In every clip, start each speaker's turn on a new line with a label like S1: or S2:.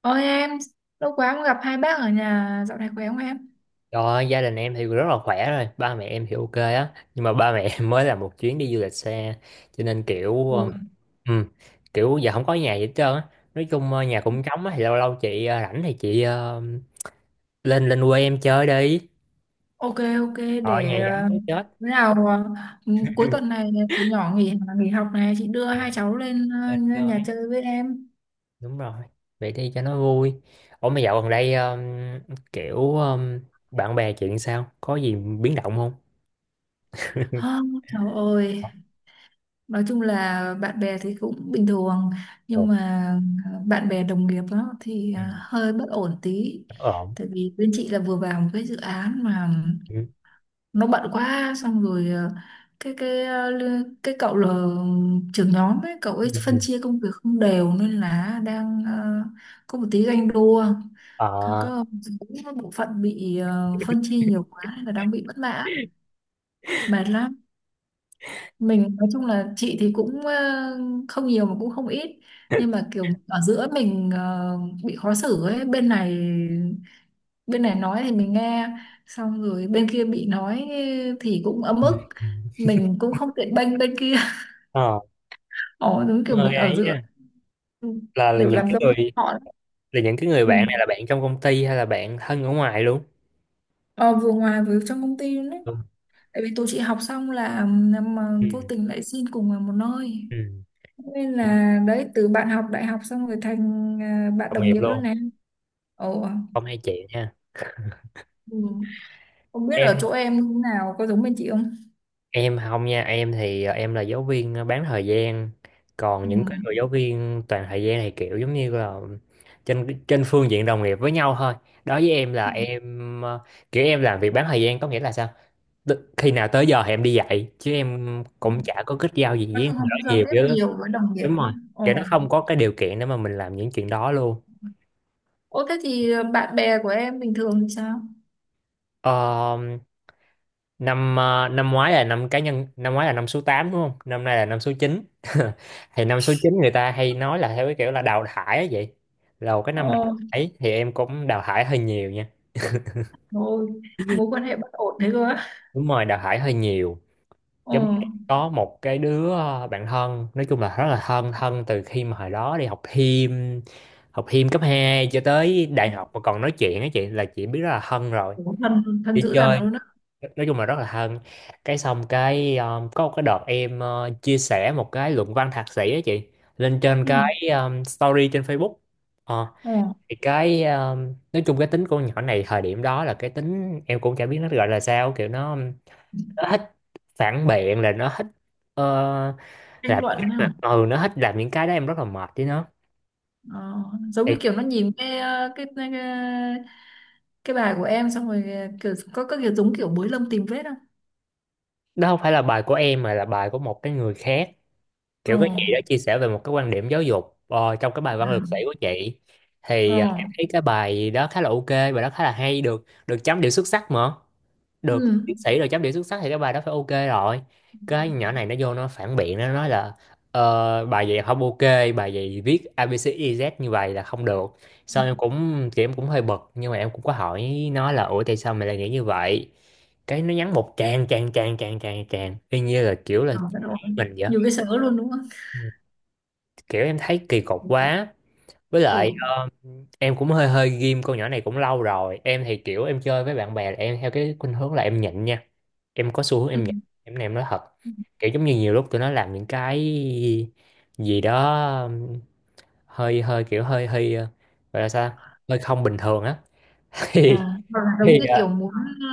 S1: Ôi em, lâu quá không gặp hai bác ở nhà, dạo này khỏe không em?
S2: Rồi, gia đình em thì rất là khỏe rồi, ba mẹ em thì ok á, nhưng mà ba mẹ em mới làm một chuyến đi du lịch xe, cho nên
S1: Ừ.
S2: ừ, kiểu giờ không có nhà gì hết trơn á. Nói chung nhà cũng trống á, thì lâu lâu rảnh thì lên lên quê em chơi đi.
S1: Ok, ok,
S2: Ở
S1: để
S2: nhà vắng muốn chết,
S1: bữa nào ừ, cuối tuần này tụi nhỏ nghỉ nghỉ học này, chị đưa hai cháu lên
S2: lên
S1: nhà
S2: chơi.
S1: chơi với em.
S2: Đúng rồi, vậy đi cho nó vui. Ủa mà dạo gần đây kiểu bạn bè chuyện sao? Có gì biến động không?
S1: Hơ, trời ơi, nói chung là bạn bè thì cũng bình thường, nhưng
S2: Ổn.
S1: mà bạn bè đồng nghiệp đó thì
S2: Ừ,
S1: hơi bất ổn tí.
S2: ổn.
S1: Tại vì bên chị là vừa vào một cái dự án mà
S2: Ừ.
S1: nó bận quá, xong rồi cái cái ờ, li- cái cậu là trưởng nhóm ấy, cậu ấy phân
S2: Ừ.
S1: chia công việc không đều nên là đang có một tí ganh đua, có
S2: Ờ.
S1: có một bộ phận bị phân chia nhiều quá nên là đang bị bất mãn, mệt lắm. Mình nói chung là chị thì cũng không nhiều mà cũng không ít, nhưng mà kiểu ở giữa mình bị khó xử ấy. Bên này, bên này nói thì mình nghe, xong rồi bên kia bị nói thì cũng ấm
S2: Ừ.
S1: ức, mình cũng không tiện bênh bên kia.
S2: Ờ.
S1: Ồ, đúng kiểu
S2: Người
S1: mình ở
S2: ấy
S1: giữa.
S2: nha,
S1: Ừ,
S2: là
S1: kiểu
S2: những
S1: làm
S2: cái
S1: dâu
S2: người,
S1: cho họ đó.
S2: là những cái người
S1: Ừ.
S2: bạn này là bạn trong công ty hay là bạn thân ở ngoài luôn?
S1: ờ, vừa ngoài vừa trong công ty luôn đấy,
S2: Ừ.
S1: tại vì tụi chị học xong là mà
S2: Ừ.
S1: vô tình lại xin cùng vào một nơi,
S2: Ừ.
S1: nên
S2: Cũng
S1: là đấy, từ bạn học đại học xong rồi thành à, bạn
S2: đồng
S1: đồng
S2: nghiệp
S1: nghiệp luôn
S2: luôn,
S1: này. Ồ.
S2: không hay chị nha.
S1: Ừ. Không biết ở
S2: em
S1: chỗ em như thế nào, có giống bên chị không?
S2: em không nha, em thì em là giáo viên bán thời gian, còn
S1: Ừ.
S2: những cái người giáo viên toàn thời gian thì kiểu giống như là trên trên phương diện đồng nghiệp với nhau thôi. Đối với em là em kiểu em làm việc bán thời gian có nghĩa là sao? Tức khi nào tới giờ thì em đi dạy chứ em cũng chả có kết giao gì với
S1: Nói chung
S2: người đó
S1: không giao
S2: nhiều
S1: tiếp
S2: chứ.
S1: nhiều với đồng nghiệp.
S2: Đúng rồi, kiểu nó
S1: Ồ.
S2: không có cái điều kiện để mà mình làm những chuyện đó luôn.
S1: Ô thế thì bạn bè của em bình thường thì sao?
S2: Ờ, năm ngoái là năm cá nhân, năm ngoái là năm số 8 đúng không, năm nay là năm số chín. Thì năm số 9 người ta hay nói là theo cái kiểu là đào thải á, vậy là một cái năm đào
S1: Ồ,
S2: thải thì em cũng đào thải hơi nhiều nha.
S1: rồi, mối quan hệ bất ổn thế cơ á.
S2: Đúng rồi, đào thải hơi nhiều.
S1: Ồ,
S2: Giống như em có một cái đứa bạn thân, nói chung là rất là thân, thân từ khi mà hồi đó đi học thêm, học thêm cấp 2 cho tới đại học mà còn nói chuyện á chị, là chị biết rất là thân rồi,
S1: ủa, thân, thân
S2: đi
S1: dữ dằn
S2: chơi,
S1: luôn á.
S2: nói chung là rất là thân. Cái xong cái có một cái đợt em chia sẻ một cái luận văn thạc sĩ á chị, lên trên
S1: Ừ,
S2: cái story trên Facebook. Ờ,
S1: ồ,
S2: thì cái nói chung cái tính con nhỏ này thời điểm đó, là cái tính em cũng chả biết nó gọi là sao, kiểu nó thích phản biện, là nó thích ờ,
S1: tranh
S2: làm những
S1: luận
S2: cái
S1: hả?
S2: mà- ừ nó thích làm những cái đó, em rất là mệt với nó.
S1: Ờ, giống
S2: Thì
S1: như kiểu nó nhìn cái, ờ, cái bài của em, xong rồi kiểu có kiểu, giống kiểu bới lông tìm vết không?
S2: đó không phải là bài của em mà là bài của một cái người khác, kiểu
S1: Ồ,
S2: cái chị đã chia sẻ về một cái quan điểm giáo dục trong cái bài văn lực sĩ
S1: ừ,
S2: của chị. Thì
S1: ồ,
S2: em thấy cái bài đó khá là ok, bài đó khá là hay, được được chấm điểm xuất sắc mà, được
S1: ừ.
S2: tiến sĩ được chấm điểm xuất sắc thì cái bài đó phải ok rồi. Cái nhỏ này nó vô nó phản biện, nó nói là bài vậy không ok, bài vậy viết a ABCDZ như vậy là không được. Sau em cũng chị, em cũng hơi bực nhưng mà em cũng có hỏi nó là ủa tại sao mày lại nghĩ như vậy, cái nó nhắn một tràng tràng tràng tràng tràng tràng y như là kiểu là
S1: Ờ, bất
S2: chỉ
S1: ổn.
S2: mình vậy,
S1: Nhiều cái sở luôn đúng không?
S2: kiểu em thấy kỳ cục quá. Với lại
S1: Ừ,
S2: em cũng hơi hơi ghim con nhỏ này cũng lâu rồi. Em thì kiểu em chơi với bạn bè là em theo cái khuynh hướng là em nhịn nha, em có xu hướng
S1: ừ.
S2: em nhịn. Em này em nói thật, kiểu giống như nhiều lúc tụi nó làm những cái gì đó um, hơi hơi kiểu hơi hơi, gọi là sao, hơi không bình thường á,
S1: Ờ,
S2: thì
S1: hoặc là giống
S2: thì
S1: như
S2: ờ,
S1: kiểu muốn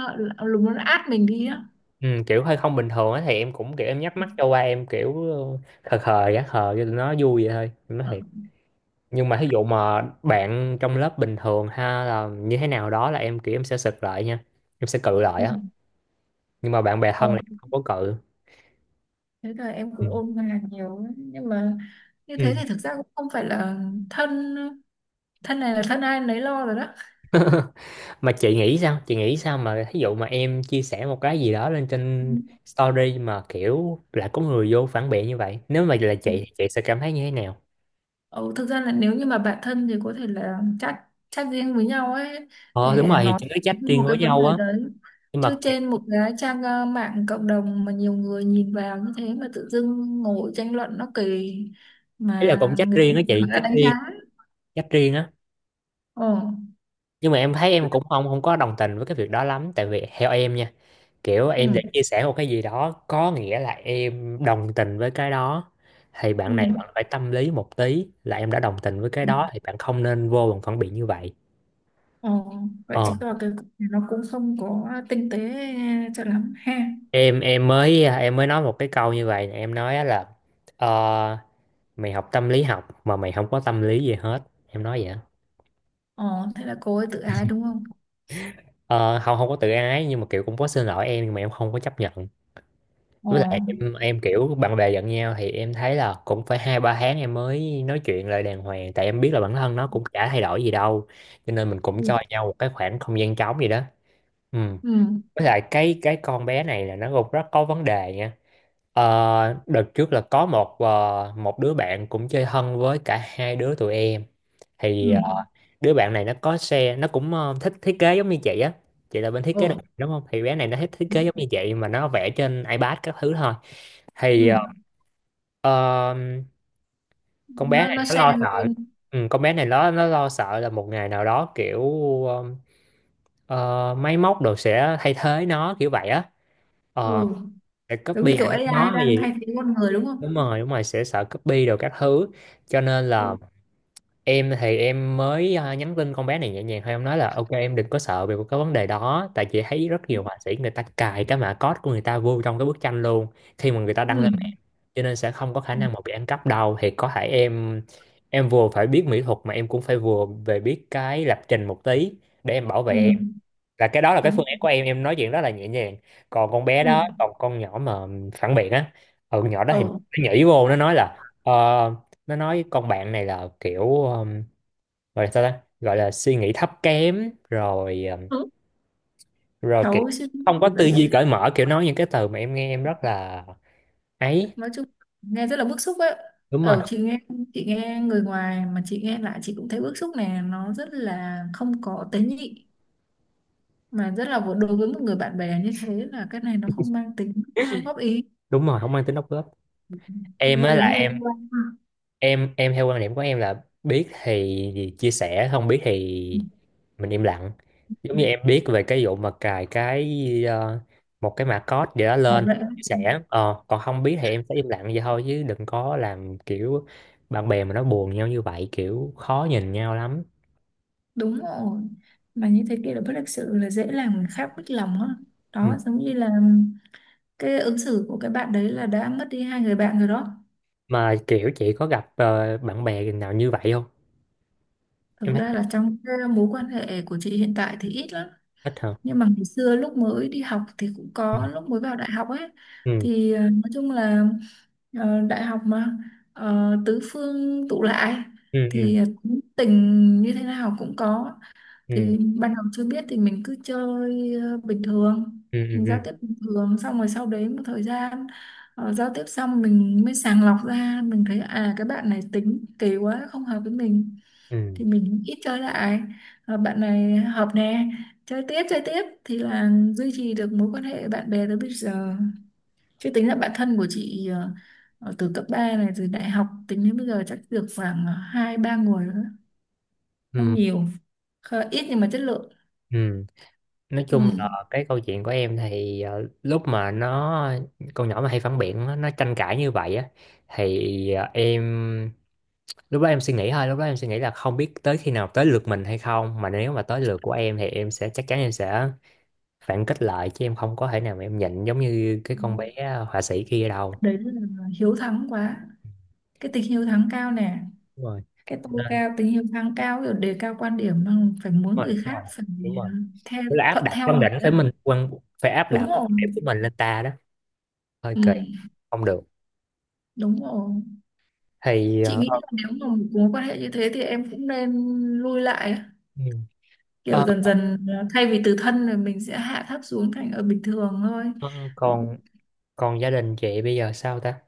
S1: là muốn át mình đi á.
S2: ừ, kiểu hơi không bình thường á thì em cũng kiểu em nhắm mắt cho qua, em kiểu khờ khờ, gã khờ cho tụi nó vui vậy thôi em nói
S1: Ờ,
S2: thiệt. Nhưng mà thí dụ mà bạn trong lớp bình thường ha, là như thế nào đó là em kiểu em sẽ sực lại nha, em sẽ cự lại
S1: ừ.
S2: á. Nhưng mà bạn bè
S1: Ờ.
S2: thân là em không có cự.
S1: Thế là em
S2: Ừ.
S1: cũng ôn hòa nhiều lắm, nhưng mà như
S2: Ừ.
S1: thế thì thực ra cũng không phải là thân. Thân này là thân ai nấy lo rồi đó.
S2: Mà chị nghĩ sao mà thí dụ mà em chia sẻ một cái gì đó lên trên
S1: Ừ.
S2: story mà kiểu lại có người vô phản biện như vậy, nếu mà là chị thì chị sẽ cảm thấy như thế nào?
S1: Ừ, thực ra là nếu như mà bạn thân thì có thể là chat chat riêng với nhau ấy,
S2: Ờ đúng
S1: để
S2: rồi,
S1: nói
S2: chị nói trách
S1: về một
S2: riêng
S1: cái
S2: với
S1: vấn
S2: nhau
S1: đề
S2: á.
S1: đấy,
S2: Nhưng mà
S1: chứ
S2: ấy,
S1: trên một cái trang mạng cộng đồng mà nhiều người nhìn vào như thế mà tự dưng ngồi tranh luận nó kỳ,
S2: là
S1: mà
S2: cũng trách
S1: người ta
S2: riêng á chị,
S1: người ta
S2: trách
S1: đánh giá.
S2: riêng, trách riêng á.
S1: Ồ,
S2: Nhưng mà em thấy em cũng không không có đồng tình với cái việc đó lắm, tại vì theo em nha, kiểu em đã
S1: ừ,
S2: chia sẻ một cái gì đó có nghĩa là em đồng tình với cái đó, thì bạn này
S1: ừ.
S2: bạn phải tâm lý một tí, là em đã đồng tình với cái
S1: Ừ.
S2: đó thì bạn không nên vô bằng phản biện như vậy.
S1: Ờ, vậy
S2: Ờ,
S1: chứng tỏ cái cục này nó cũng không có tinh tế cho lắm ha.
S2: em mới nói một cái câu như vậy nè, em nói á là ờ, mày học tâm lý học mà mày không có tâm lý gì hết, em nói vậy á.
S1: Ờ, thế là cô ấy tự ái đúng không?
S2: Ờ không, không có tự ái nhưng mà kiểu cũng có xin lỗi em, nhưng mà em không có chấp nhận.
S1: Ờ,
S2: Với lại em kiểu bạn bè giận nhau thì em thấy là cũng phải hai ba tháng em mới nói chuyện lại đàng hoàng, tại em biết là bản thân nó cũng chả thay đổi gì đâu, cho nên mình cũng
S1: ừ,
S2: cho nhau một cái khoảng không gian trống gì đó. Ừ.
S1: ừ,
S2: Với lại cái con bé này là nó cũng rất có vấn đề nha. Ờ, đợt trước là có một đứa bạn cũng chơi thân với cả hai đứa tụi em. Thì
S1: ừ,
S2: đứa bạn này nó có xe, nó cũng thích thiết kế giống như chị á, chị là bên thiết kế đồ
S1: ờ,
S2: thị đúng không, thì bé này nó thích thiết kế giống như chị, mà nó vẽ trên iPad các thứ thôi.
S1: ừ.
S2: Thì ờ, con bé
S1: Nó,
S2: này
S1: nó
S2: nó
S1: xe
S2: lo sợ.
S1: lên,
S2: Ừ, con bé này nó lo sợ là một ngày nào đó kiểu ờ, ờ, máy móc đồ sẽ thay thế nó kiểu vậy á. Ờ,
S1: ừ,
S2: sẽ
S1: giống như
S2: copy
S1: kiểu
S2: ảnh
S1: AI
S2: nó
S1: đang
S2: gì.
S1: thay thế con người đúng không?
S2: Đúng rồi đúng rồi, sẽ sợ copy đồ các thứ, cho nên là
S1: Ừ,
S2: em thì em mới à, nhắn tin con bé này nhẹ nhàng thôi, em nói là ok em đừng có sợ về cái vấn đề đó, tại chị thấy rất nhiều họa sĩ người ta cài cái mã code của người ta vô trong cái bức tranh luôn khi mà người ta đăng
S1: ừ,
S2: lên mạng, cho nên sẽ không có khả năng mà bị ăn cắp đâu. Thì có thể em vừa phải biết mỹ thuật mà em cũng phải vừa về biết cái lập trình một tí, để em bảo
S1: ừ,
S2: vệ. Là cái đó là cái
S1: đúng,
S2: phương án của em nói chuyện rất là nhẹ nhàng. Còn con bé
S1: ừ,
S2: đó, còn con nhỏ mà phản biện á, ừ nhỏ đó thì nó
S1: ờ,
S2: nhảy vô nó nói là ờ, nó nói con bạn này là kiểu gọi là sao ta, gọi là suy nghĩ thấp kém rồi
S1: ừ. Đúng.
S2: rồi kiểu
S1: Cháu suy nghĩ
S2: không có
S1: gì
S2: tư
S1: vậy?
S2: duy cởi mở, kiểu nói những cái từ mà em nghe em rất là ấy.
S1: Nói chung nghe rất là bức xúc ấy.
S2: Đúng rồi
S1: Ờ, chị nghe người ngoài, mà chị nghe lại chị cũng thấy bức xúc. Này nó rất là không có tế nhị, mà rất là đối với một người bạn bè như thế, là cái này nó không mang tính góp ý,
S2: đúng rồi, không mang tính đóng góp. em
S1: nghe
S2: á là
S1: giống như
S2: em
S1: liên quan ha.
S2: em em theo quan điểm của em là biết thì chia sẻ, không biết thì
S1: Ừ,
S2: mình im lặng. Giống
S1: ừ.
S2: như em biết về cái vụ mà cài cái ờ, một cái mã code gì đó
S1: Bảo
S2: lên,
S1: vệ
S2: chia sẻ. Ờ, còn không biết thì em sẽ im lặng vậy thôi, chứ đừng có làm kiểu bạn bè mà nó buồn nhau như vậy kiểu khó nhìn nhau lắm.
S1: đúng rồi. Mà như thế kia là bất lịch sự, là dễ làm người khác mất lòng á.
S2: Ừ.
S1: Đó, giống như là cái ứng xử của cái bạn đấy là đã mất đi hai người bạn rồi đó.
S2: Mà kiểu chị có gặp bạn bè nào như vậy không?
S1: Thực
S2: Em thấy
S1: ra là trong cái mối quan hệ của chị hiện tại thì ít lắm,
S2: ít hả.
S1: nhưng mà ngày xưa lúc mới đi học thì cũng có, lúc mới vào đại học ấy,
S2: Ừ
S1: thì nói chung là đại học mà tứ phương tụ lại,
S2: ừ ừ
S1: thì tính tình như thế nào cũng có.
S2: ừ
S1: Thì ban đầu chưa biết thì mình cứ chơi bình thường,
S2: ừ ừ
S1: mình giao
S2: ừ
S1: tiếp bình thường, xong rồi sau đấy một thời gian giao tiếp xong mình mới sàng lọc ra, mình thấy à cái bạn này tính kỳ quá không hợp với mình,
S2: ừ
S1: thì mình ít chơi lại. Ờ, bạn này hợp nè, chơi tiếp chơi tiếp, thì là duy trì được mối quan hệ bạn bè tới bây giờ. Chứ tính là bạn thân của chị từ cấp 3 này, từ đại học tính đến bây giờ, chắc được khoảng hai ba người nữa, không
S2: ừ
S1: nhiều. Ít nhưng mà chất lượng.
S2: ừ Nói chung
S1: Ừ.
S2: là cái câu chuyện của em thì lúc mà nó, con nhỏ mà hay phản biện á, nó tranh cãi như vậy á, thì em lúc đó em suy nghĩ thôi, lúc đó em suy nghĩ là không biết tới khi nào tới lượt mình hay không, mà nếu mà tới lượt của em thì em sẽ chắc chắn em sẽ phản kích lại, chứ em không có thể nào mà em nhịn giống như cái con bé họa sĩ kia đâu.
S1: Đấy là hiếu thắng quá, cái tính hiếu thắng cao nè,
S2: Đúng rồi.
S1: cái
S2: Cho
S1: tôi
S2: nên-
S1: cao, tính hiếu thắng cao, kiểu đề cao quan điểm mà phải muốn
S2: đúng rồi
S1: người
S2: đúng rồi
S1: khác phải
S2: đúng rồi.
S1: ờ, theo
S2: Tức là áp
S1: thuận
S2: đặt
S1: theo
S2: quan
S1: mình
S2: điểm
S1: đó.
S2: tới mình, quan phải áp đặt
S1: Đúng
S2: quan
S1: rồi.
S2: điểm của mình lên ta đó, hơi
S1: Ừ,
S2: kỳ, không được.
S1: đúng rồi,
S2: Thì
S1: chị nghĩ là nếu mà một mối quan hệ như thế thì em cũng nên lui lại á.
S2: ừ.
S1: Kiểu
S2: Ờ,
S1: dần dần thay vì từ thân rồi mình sẽ hạ thấp xuống thành ở bình thường thôi.
S2: ờ,
S1: Ừ.
S2: còn, còn gia đình chị bây giờ sao ta?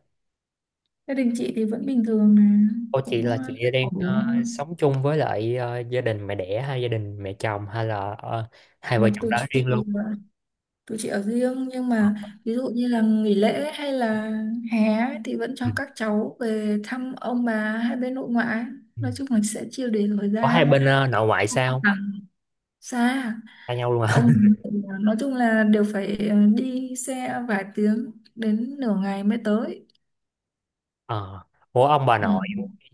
S1: Gia đình chị thì vẫn bình thường nè,
S2: Cô chị
S1: cũng
S2: là chị đang
S1: ổn.
S2: sống chung với lại gia đình mẹ đẻ hay gia đình mẹ chồng hay là hai vợ
S1: Còn
S2: chồng
S1: tụi
S2: đó riêng
S1: chị,
S2: luôn?
S1: tụi chị ở riêng, nhưng
S2: Ờ,
S1: mà ví dụ như là nghỉ lễ hay là hè ấy, thì vẫn cho
S2: Ừ.
S1: các cháu về thăm ông bà hai bên nội ngoại,
S2: Ừ.
S1: nói chung là sẽ chia đều thời
S2: Có hai
S1: gian.
S2: bên nội ngoại sao không?
S1: À, xa.
S2: Xa nhau luôn à?
S1: Ông, nói chung là đều phải đi xe vài tiếng đến nửa ngày mới tới.
S2: Ờ. Ủa ông bà
S1: Ừ.
S2: nội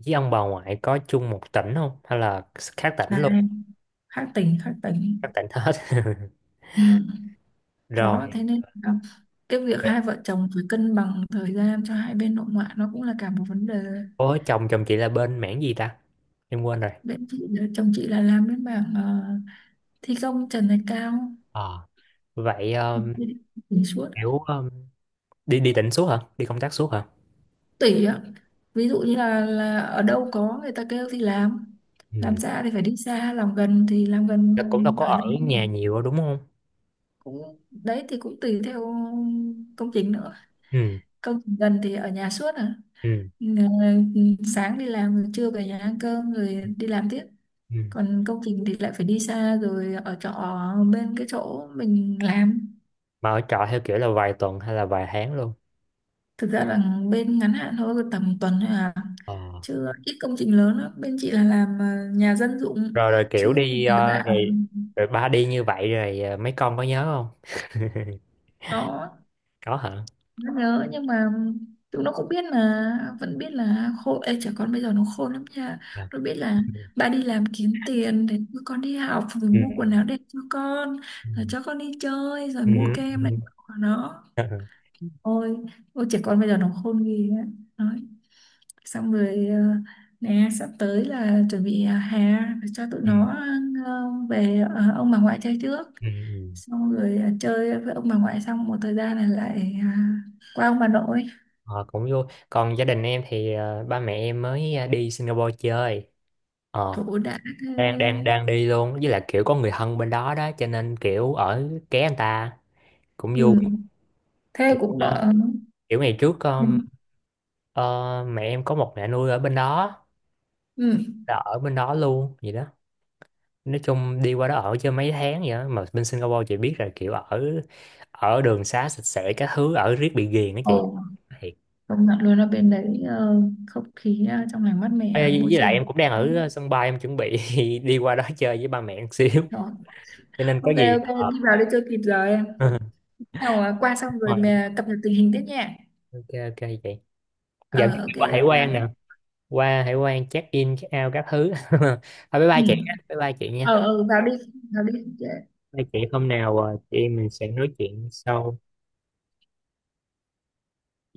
S2: với ông bà ngoại có chung một tỉnh không? Hay là khác tỉnh luôn?
S1: Này, khác tỉnh khác tỉnh.
S2: Khác tỉnh hết.
S1: Ừ. Đó thế
S2: Rồi.
S1: nên là cái việc hai vợ chồng phải cân bằng thời gian cho hai bên nội ngoại nó cũng là cả một vấn đề.
S2: Ủa chồng chồng chị là bên mảng gì ta? Em quên rồi.
S1: Bên chị chồng chị là làm bên mảng thi công trần này cao
S2: Ờ. Vậy
S1: đỉnh suốt
S2: kiểu đi đi tỉnh suốt hả? Đi công tác suốt hả?
S1: tỷ á. Ví dụ như là ở đâu có người ta kêu thì làm
S2: Ừ.
S1: xa thì phải đi xa, làm gần thì làm gần.
S2: Nó cũng đâu có
S1: Ở
S2: ở
S1: đây
S2: nhà nhiều đâu, đúng không?
S1: cũng đấy, thì cũng tùy theo công trình nữa.
S2: Ừ,
S1: Công trình gần thì ở nhà suốt à.
S2: ừ,
S1: Ờ, sáng đi làm rồi trưa về nhà ăn cơm rồi đi làm tiếp.
S2: ừ.
S1: Còn công trình thì lại phải đi xa rồi ở trọ bên cái chỗ mình làm.
S2: Mà ở trọ theo kiểu là vài tuần hay là vài tháng luôn.
S1: Thực ra là bên ngắn hạn thôi, tầm tuần thôi à,
S2: Ờ.
S1: chứ ít công trình lớn lắm. Bên chị là làm nhà dân dụng.
S2: Rồi rồi kiểu
S1: Chứ mà dạng
S2: rồi rồi ba đi như vậy rồi mấy con có nhớ không?
S1: đó,
S2: Có hả?
S1: nó nhớ nhưng mà tụi nó cũng biết là, vẫn biết là khôn. Ê, trẻ con bây giờ nó khôn lắm nha.
S2: Ờ.
S1: Nó biết là
S2: Ừ.
S1: ba đi làm kiếm tiền để cho con đi học, rồi
S2: Ừ.
S1: mua quần áo đẹp cho con,
S2: Ừ.
S1: rồi cho con đi chơi, rồi
S2: Ừ.
S1: mua kem này
S2: Ừ.
S1: của nó. Ôi, ôi trẻ con bây giờ nó khôn ghê á, nói xong rồi nè sắp tới là chuẩn bị hè cho tụi
S2: Ừ.
S1: nó về ông bà ngoại chơi trước,
S2: Ừ. Ừ.
S1: xong rồi chơi với ông bà ngoại xong một thời gian là lại qua ông bà nội.
S2: Ờ, cũng vui. Còn gia đình em thì ba mẹ em mới đi Singapore chơi. Ờ,
S1: Thủ đã thế.
S2: đang đang đang đi luôn, với lại kiểu có người thân bên đó đó cho nên kiểu ở ké anh ta, cũng vui.
S1: Ừ. Thế cũng đỡ.
S2: Kiểu ngày trước mẹ em có một mẹ nuôi ở bên đó,
S1: Ừ.
S2: là ở bên đó luôn vậy đó. Nói chung đi qua đó ở chơi mấy tháng vậy đó. Mà bên Singapore chị biết rồi, kiểu ở ở đường xá sạch sẽ các thứ, ở riết bị ghiền á chị.
S1: Ồ,
S2: Thiệt.
S1: công nhận luôn ở bên đấy không khí trong lành mát mẻ
S2: Ê,
S1: môi
S2: với lại
S1: trường.
S2: em cũng đang ở sân bay, em chuẩn bị đi qua đó chơi với ba mẹ một xíu.
S1: Rồi,
S2: Cho nên có
S1: ok
S2: gì
S1: ok đi vào đi cho kịp giờ em nào, à, qua xong rồi
S2: rồi,
S1: mà cập nhật tình hình tiếp nha.
S2: ok ok chị. Dạ
S1: Ờ,
S2: em đi
S1: ok,
S2: qua
S1: bye
S2: hải
S1: bye.
S2: quan nè, qua hải quan check in check out các thứ. Thôi bye
S1: Ừ.
S2: bye chị, nha. Bye bye chị nha.
S1: Ờ, ờ, vào đi vào đi.
S2: Hai chị hôm nào chị em mình sẽ nói chuyện sau